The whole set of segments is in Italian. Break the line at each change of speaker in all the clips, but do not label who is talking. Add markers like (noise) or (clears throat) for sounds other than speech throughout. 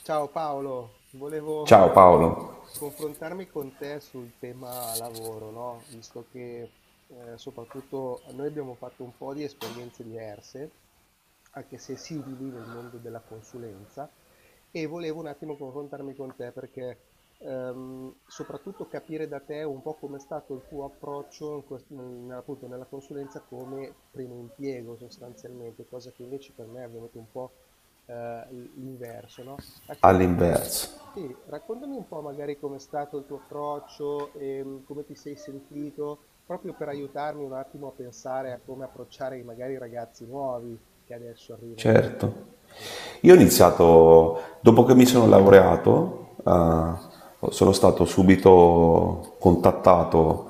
Ciao Paolo, volevo
Ciao Paolo,
confrontarmi con te sul tema lavoro, no? Visto che soprattutto noi abbiamo fatto un po' di esperienze diverse, anche se simili nel mondo della consulenza, e volevo un attimo confrontarmi con te perché soprattutto capire da te un po' com'è stato il tuo approccio in appunto nella consulenza come primo impiego sostanzialmente, cosa che invece per me è avvenuto un po' eh, l'inverso, no?
all'inverso.
Raccontami un po' magari com'è stato il tuo approccio e come ti sei sentito, proprio per aiutarmi un attimo a pensare a come approcciare magari i ragazzi nuovi che adesso arrivano in diciamo,
Certo.
in azienda.
Io ho iniziato, dopo che mi sono laureato, sono stato subito contattato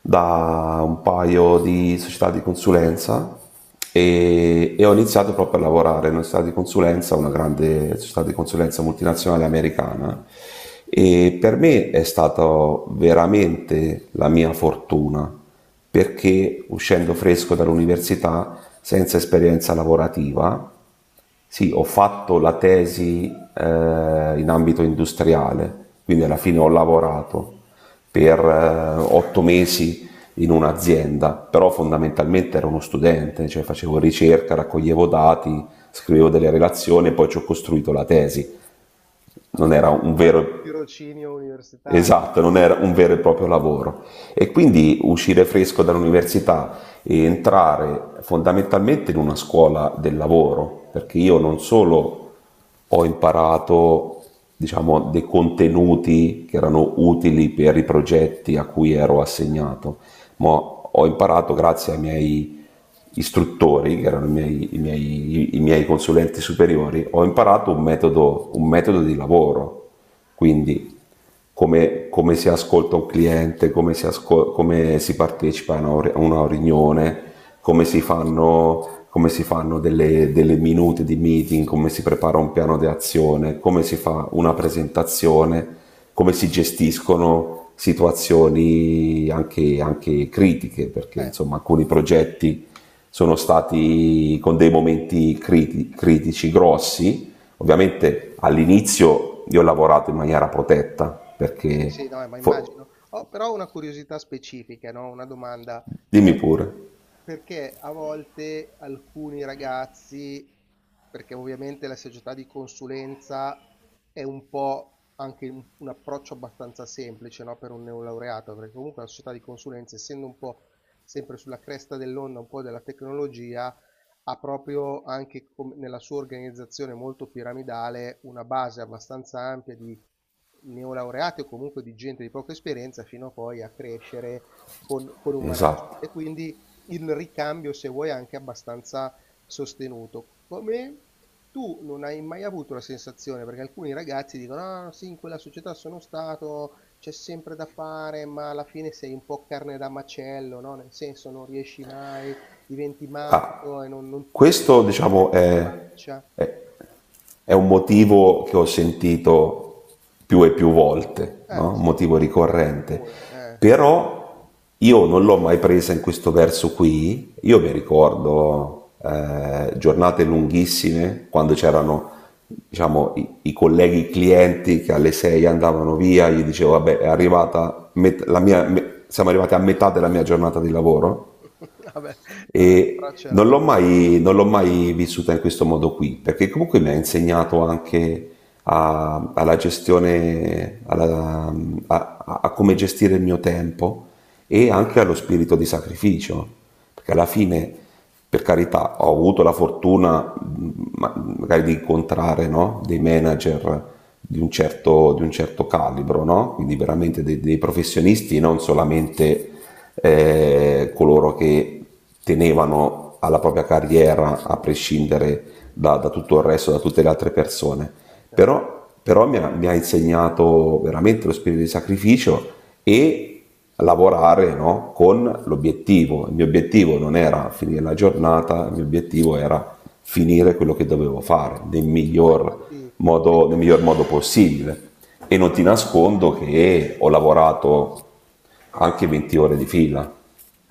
da un paio di società di consulenza e ho iniziato proprio a lavorare in una società di consulenza, una grande società di consulenza multinazionale americana e per me è stata veramente la mia fortuna perché uscendo fresco dall'università senza esperienza lavorativa sì, ho fatto la tesi in ambito industriale, quindi alla fine ho lavorato per 8 mesi in un'azienda, però fondamentalmente ero uno studente, cioè facevo ricerca, raccoglievo dati, scrivevo
Sì.
delle relazioni e poi ci ho costruito la tesi.
Vabbè,
Non
quello
era un
quello è un
vero
tirocinio universitario,
esatto, non
dai,
era un vero e proprio lavoro. E quindi uscire fresco dall'università e entrare fondamentalmente in una scuola del lavoro, perché io non solo ho imparato, diciamo, dei contenuti che erano utili per i progetti a cui ero assegnato, ma ho imparato grazie ai miei istruttori, che erano i miei consulenti superiori, ho imparato un metodo di lavoro. Quindi come si ascolta un cliente, come si, come si partecipa a una riunione, come si fanno delle, delle minute di meeting, come si prepara un piano di azione, come si fa una presentazione, come si gestiscono situazioni anche, anche critiche, perché
cioè, eh,
insomma alcuni progetti sono stati con dei momenti critici grossi. Ovviamente all'inizio io ho lavorato in maniera protetta
sì.
perché...
Sì, no, ma immagino. Ho però una curiosità specifica, no? Una domanda.
Dimmi pure,
Perché a volte alcuni ragazzi, perché ovviamente la società di consulenza è un po' anche un approccio abbastanza semplice, no, per un neolaureato, perché comunque la società di consulenza, essendo un po' sempre sulla cresta dell'onda, un po' della tecnologia, ha proprio anche nella sua organizzazione molto piramidale una base abbastanza ampia di neolaureati o comunque di gente di poca esperienza fino a poi a crescere con un manager.
esatto.
E quindi il ricambio, se vuoi, è anche abbastanza sostenuto. Come tu non hai mai avuto la sensazione, perché alcuni ragazzi dicono: "Ah, sì, in quella società sono stato, c'è sempre da fare, ma alla fine sei un po' carne da macello, no? Nel senso, non riesci mai, diventi matto e non, non ti
Questo,
guarda
diciamo,
neanche in faccia."
è- è un motivo che ho sentito più e più volte, no? Un
Sì, è
motivo
abbastanza
ricorrente.
comune.
Però io non l'ho mai presa in questo verso qui. Io mi ricordo giornate lunghissime quando c'erano, diciamo, i colleghi i clienti che alle 6 andavano via, gli dicevo, vabbè, è arrivata siamo arrivati a metà della mia giornata di lavoro
(laughs) Vabbè, vabbè,
e
l'approccio era già buono.
non l'ho mai vissuta in questo modo qui, perché comunque mi ha insegnato anche alla gestione, a come gestire il mio tempo e anche allo spirito di sacrificio, perché alla fine, per carità, ho avuto la fortuna magari di incontrare, no, dei manager di un certo calibro, no? Quindi veramente dei, dei professionisti, non solamente coloro che tenevano alla propria carriera a prescindere da
Sì, sì,
tutto il resto, da tutte
certo,
le altre persone.
aiuta, certo.
Però, mi ha insegnato veramente lo spirito di sacrificio e lavorare no, con l'obiettivo. Il mio obiettivo non era finire la giornata, il mio obiettivo era finire quello che dovevo fare
No, ma infatti, sì,
nel miglior modo possibile. E non ti
infatti.
nascondo che ho lavorato anche 20 ore di fila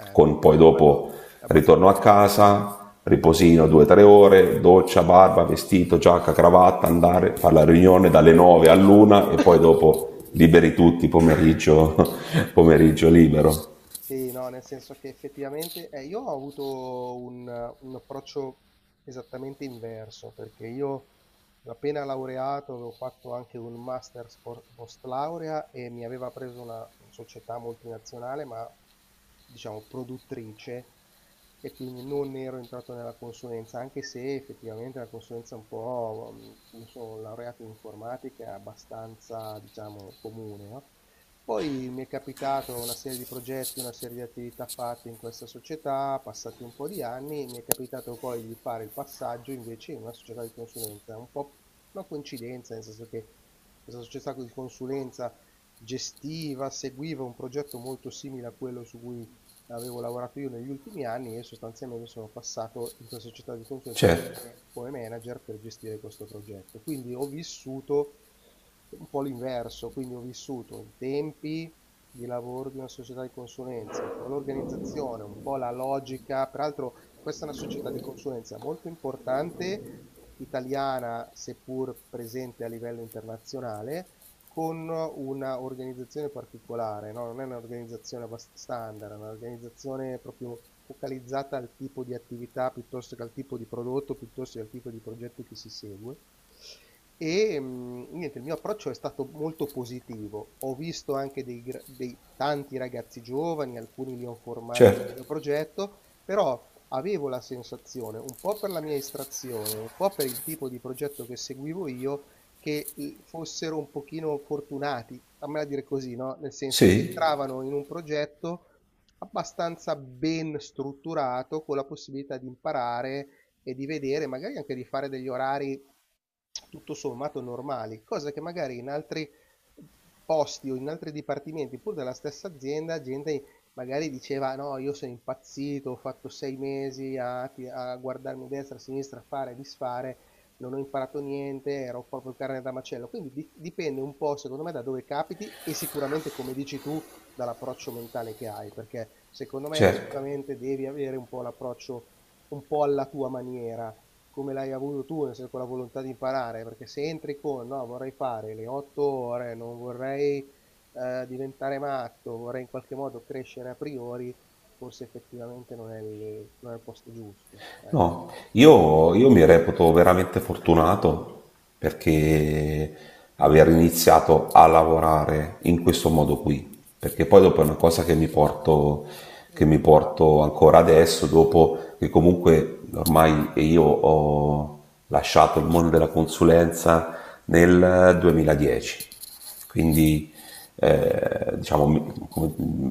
Eh
con
no, que
poi
quello
dopo
è
ritorno a
abbastanza
casa, riposino 2-3 ore, doccia, barba, vestito, giacca, cravatta,
e
andare,
via.
fare la riunione dalle 9 all'una e poi
(coughs)
dopo liberi tutti, pomeriggio, (laughs) pomeriggio libero.
Sì, no, nel senso che effettivamente io ho avuto un approccio esattamente inverso, perché io appena laureato avevo fatto anche un master post laurea e mi aveva preso una società multinazionale, ma diciamo produttrice, e quindi non ero entrato nella consulenza, anche se effettivamente la consulenza è un po', io sono laureato in informatica, è abbastanza, diciamo, comune, no? Poi mi è capitato una serie di progetti, una serie di attività fatte in questa società, passati un po' di anni, mi è capitato poi di fare il passaggio invece in una società di consulenza, un po' una coincidenza, nel senso che questa società di consulenza gestiva, seguiva un progetto molto simile a quello su cui avevo lavorato io negli ultimi anni e sostanzialmente sono passato in questa società di consulenza
Certo,
come, come manager per gestire questo progetto. Quindi ho vissuto un po' l'inverso, quindi ho vissuto i tempi di lavoro di una società di consulenza, un po' l'organizzazione, un po' la logica. Peraltro questa è una società di consulenza molto importante, italiana seppur presente a livello internazionale con una organizzazione particolare, no? Non è un'organizzazione standard, è un'organizzazione proprio focalizzata al tipo di attività piuttosto che al tipo di prodotto, piuttosto che al tipo di progetto che si segue. E niente, il mio approccio è stato molto positivo. Ho visto anche dei, dei tanti ragazzi giovani, alcuni li ho formati nel
certo,
mio progetto, però avevo la sensazione, un po' per la mia estrazione, un po' per il tipo di progetto che seguivo io, che, fossero un pochino fortunati, fammela dire così, no, nel senso che
sì,
entravano in un progetto abbastanza ben strutturato, con la possibilità di imparare e di vedere, magari anche di fare degli orari tutto sommato normali, cosa che magari in altri posti o in altri dipartimenti, pur della stessa azienda, gente magari diceva: "No, io sono impazzito, ho fatto 6 mesi a ti a guardarmi a destra, a sinistra, a fare e disfare, non ho imparato niente, ero proprio carne da macello." Quindi dipende un po', secondo me, da dove capiti e sicuramente, come dici tu, dall'approccio mentale che hai, perché secondo me
certo.
effettivamente devi avere un po' l'approccio un po' alla tua maniera, come l'hai avuto tu, nel senso con la volontà di imparare, perché se entri con no, vorrei fare le 8 ore, non vorrei diventare matto, vorrei in qualche modo crescere a priori, forse effettivamente non è non è il posto giusto. Ecco.
No, io mi reputo veramente fortunato perché aver iniziato a lavorare in questo modo qui, perché poi dopo è una cosa che
E
che mi
poi impari.
porto ancora adesso, dopo che comunque ormai io ho lasciato il mondo della consulenza nel 2010. Quindi, diciamo,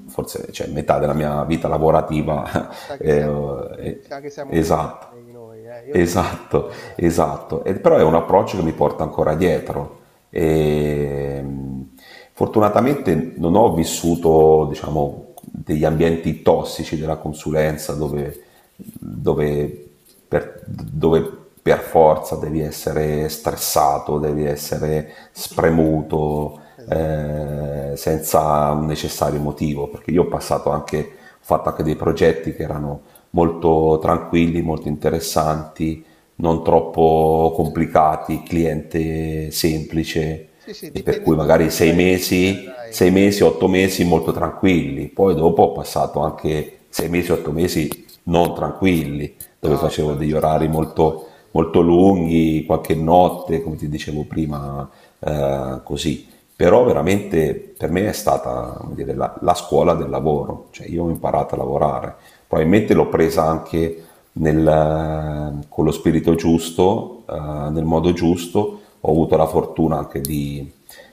forse cioè, metà della mia vita lavorativa
Ah,
(laughs) eh,
mi sa che siamo
esatto.
coetanei noi, eh. Io ho
Esatto,
49 anni.
esatto. Però è un approccio che mi porta ancora dietro.
Ah.
E, mh, Fortunatamente non ho vissuto, diciamo, degli ambienti tossici della consulenza dove dove per forza devi essere stressato, devi essere
(clears throat)
spremuto,
Esatto.
senza un necessario motivo, perché io ho passato anche, ho fatto anche dei progetti che erano molto tranquilli, molto interessanti, non troppo complicati, cliente semplice
Sì, sì,
e per
dipende
cui
tutto
magari
dove vai a finire, dai.
sei
Eh.
mesi, otto mesi molto tranquilli, poi dopo ho passato anche 6 mesi, 8 mesi non tranquilli dove
No,
facevo
quello
degli
ci sta,
orari
è
molto,
logico.
molto lunghi, qualche notte, come ti dicevo prima, così. Però veramente per me è stata come dire, la scuola del lavoro, cioè io ho imparato a lavorare, probabilmente l'ho presa anche con lo spirito giusto, nel modo giusto, ho avuto la fortuna anche di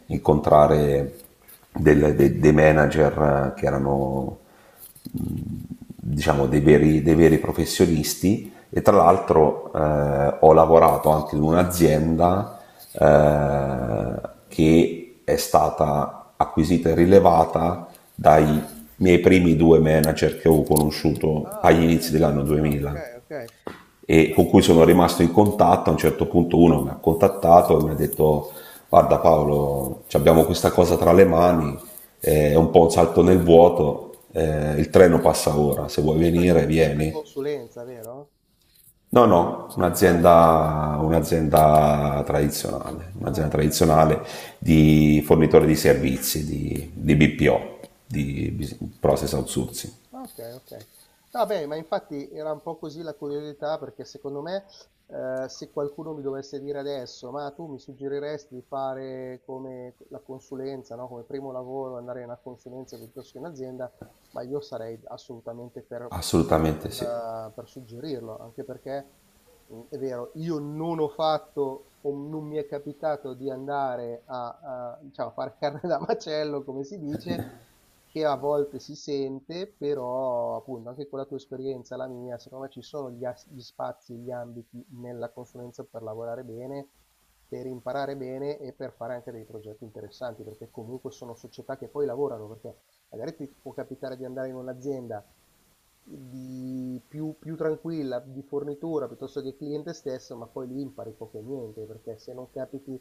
incontrare dei manager che erano diciamo, dei veri professionisti e tra l'altro ho lavorato anche in un'azienda che è stata acquisita e rilevata dai miei primi due manager che ho conosciuto
Ah,
agli
ok.
inizi dell'anno
Ah, ok,
2000
ok.
e
Ma
con cui sono rimasto in contatto. A un certo punto uno mi ha contattato e mi ha detto guarda Paolo, abbiamo questa cosa tra le mani, è un po' un salto nel vuoto, il treno passa ora, se vuoi
sempre,
venire
sempre
vieni.
consulenza, vero?
No, no,
Ah, no.
un'azienda,
Ah, ah. Ah,
un'azienda
ok.
tradizionale di fornitore di servizi, di BPO, di Business Process Outsourcing.
Okay, okay. No beh, ma infatti era un po' così la curiosità perché secondo me, se qualcuno mi dovesse dire adesso: "Ma tu mi suggeriresti di fare come la consulenza, no, come primo lavoro, andare in una consulenza piuttosto che in azienda?", ma io sarei assolutamente per per
Assolutamente sì.
per suggerirlo, anche perché, è vero, io non ho fatto o non mi è capitato di andare a diciamo, a far (laughs) carne da macello, come si dice che a volte si sente, però appunto anche con la tua esperienza, e la mia, secondo me ci sono gli spazi, gli ambiti nella consulenza per lavorare bene, per imparare bene e per fare anche dei progetti interessanti, perché comunque sono società che poi lavorano, perché magari ti può capitare di andare in un'azienda di più tranquilla, di fornitura piuttosto che cliente stesso, ma poi lì impari poco e niente, perché se non capiti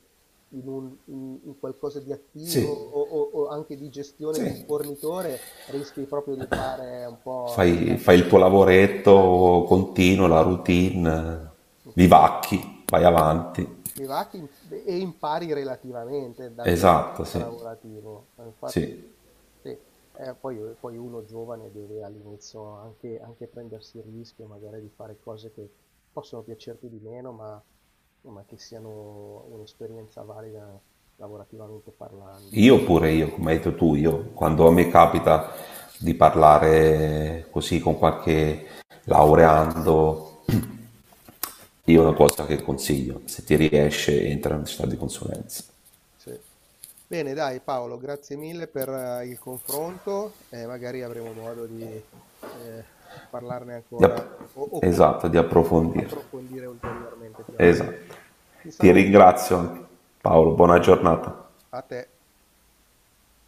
in un in qualcosa di attivo
Sì,
o o anche di gestione di un
sì,
fornitore, rischi proprio di fare un po' lo
fai il
scaldasenza.
tuo
Eh,
lavoretto continuo, la routine,
con i
vivacchi, vai avanti.
i vacchi e impari relativamente dal punto di
Esatto,
vista
sì,
lavorativo. Infatti,
sì.
sì, poi uno giovane deve all'inizio anche, anche prendersi il rischio magari di fare cose che possono piacerti di meno, ma che siano un'esperienza valida lavorativamente parlando.
Io come hai detto tu, io quando mi capita di parlare così con qualche laureando, io una cosa che consiglio, se ti riesce, entra in città di consulenza.
Sì. Bene, dai Paolo, grazie mille per il confronto e magari avremo modo di eh, parlarne
Di
ancora
app-
o
esatto, di
o
approfondire.
approfondire ulteriormente più avanti.
Esatto.
Ti
Ti
saluto,
ringrazio Paolo, buona giornata.
a te.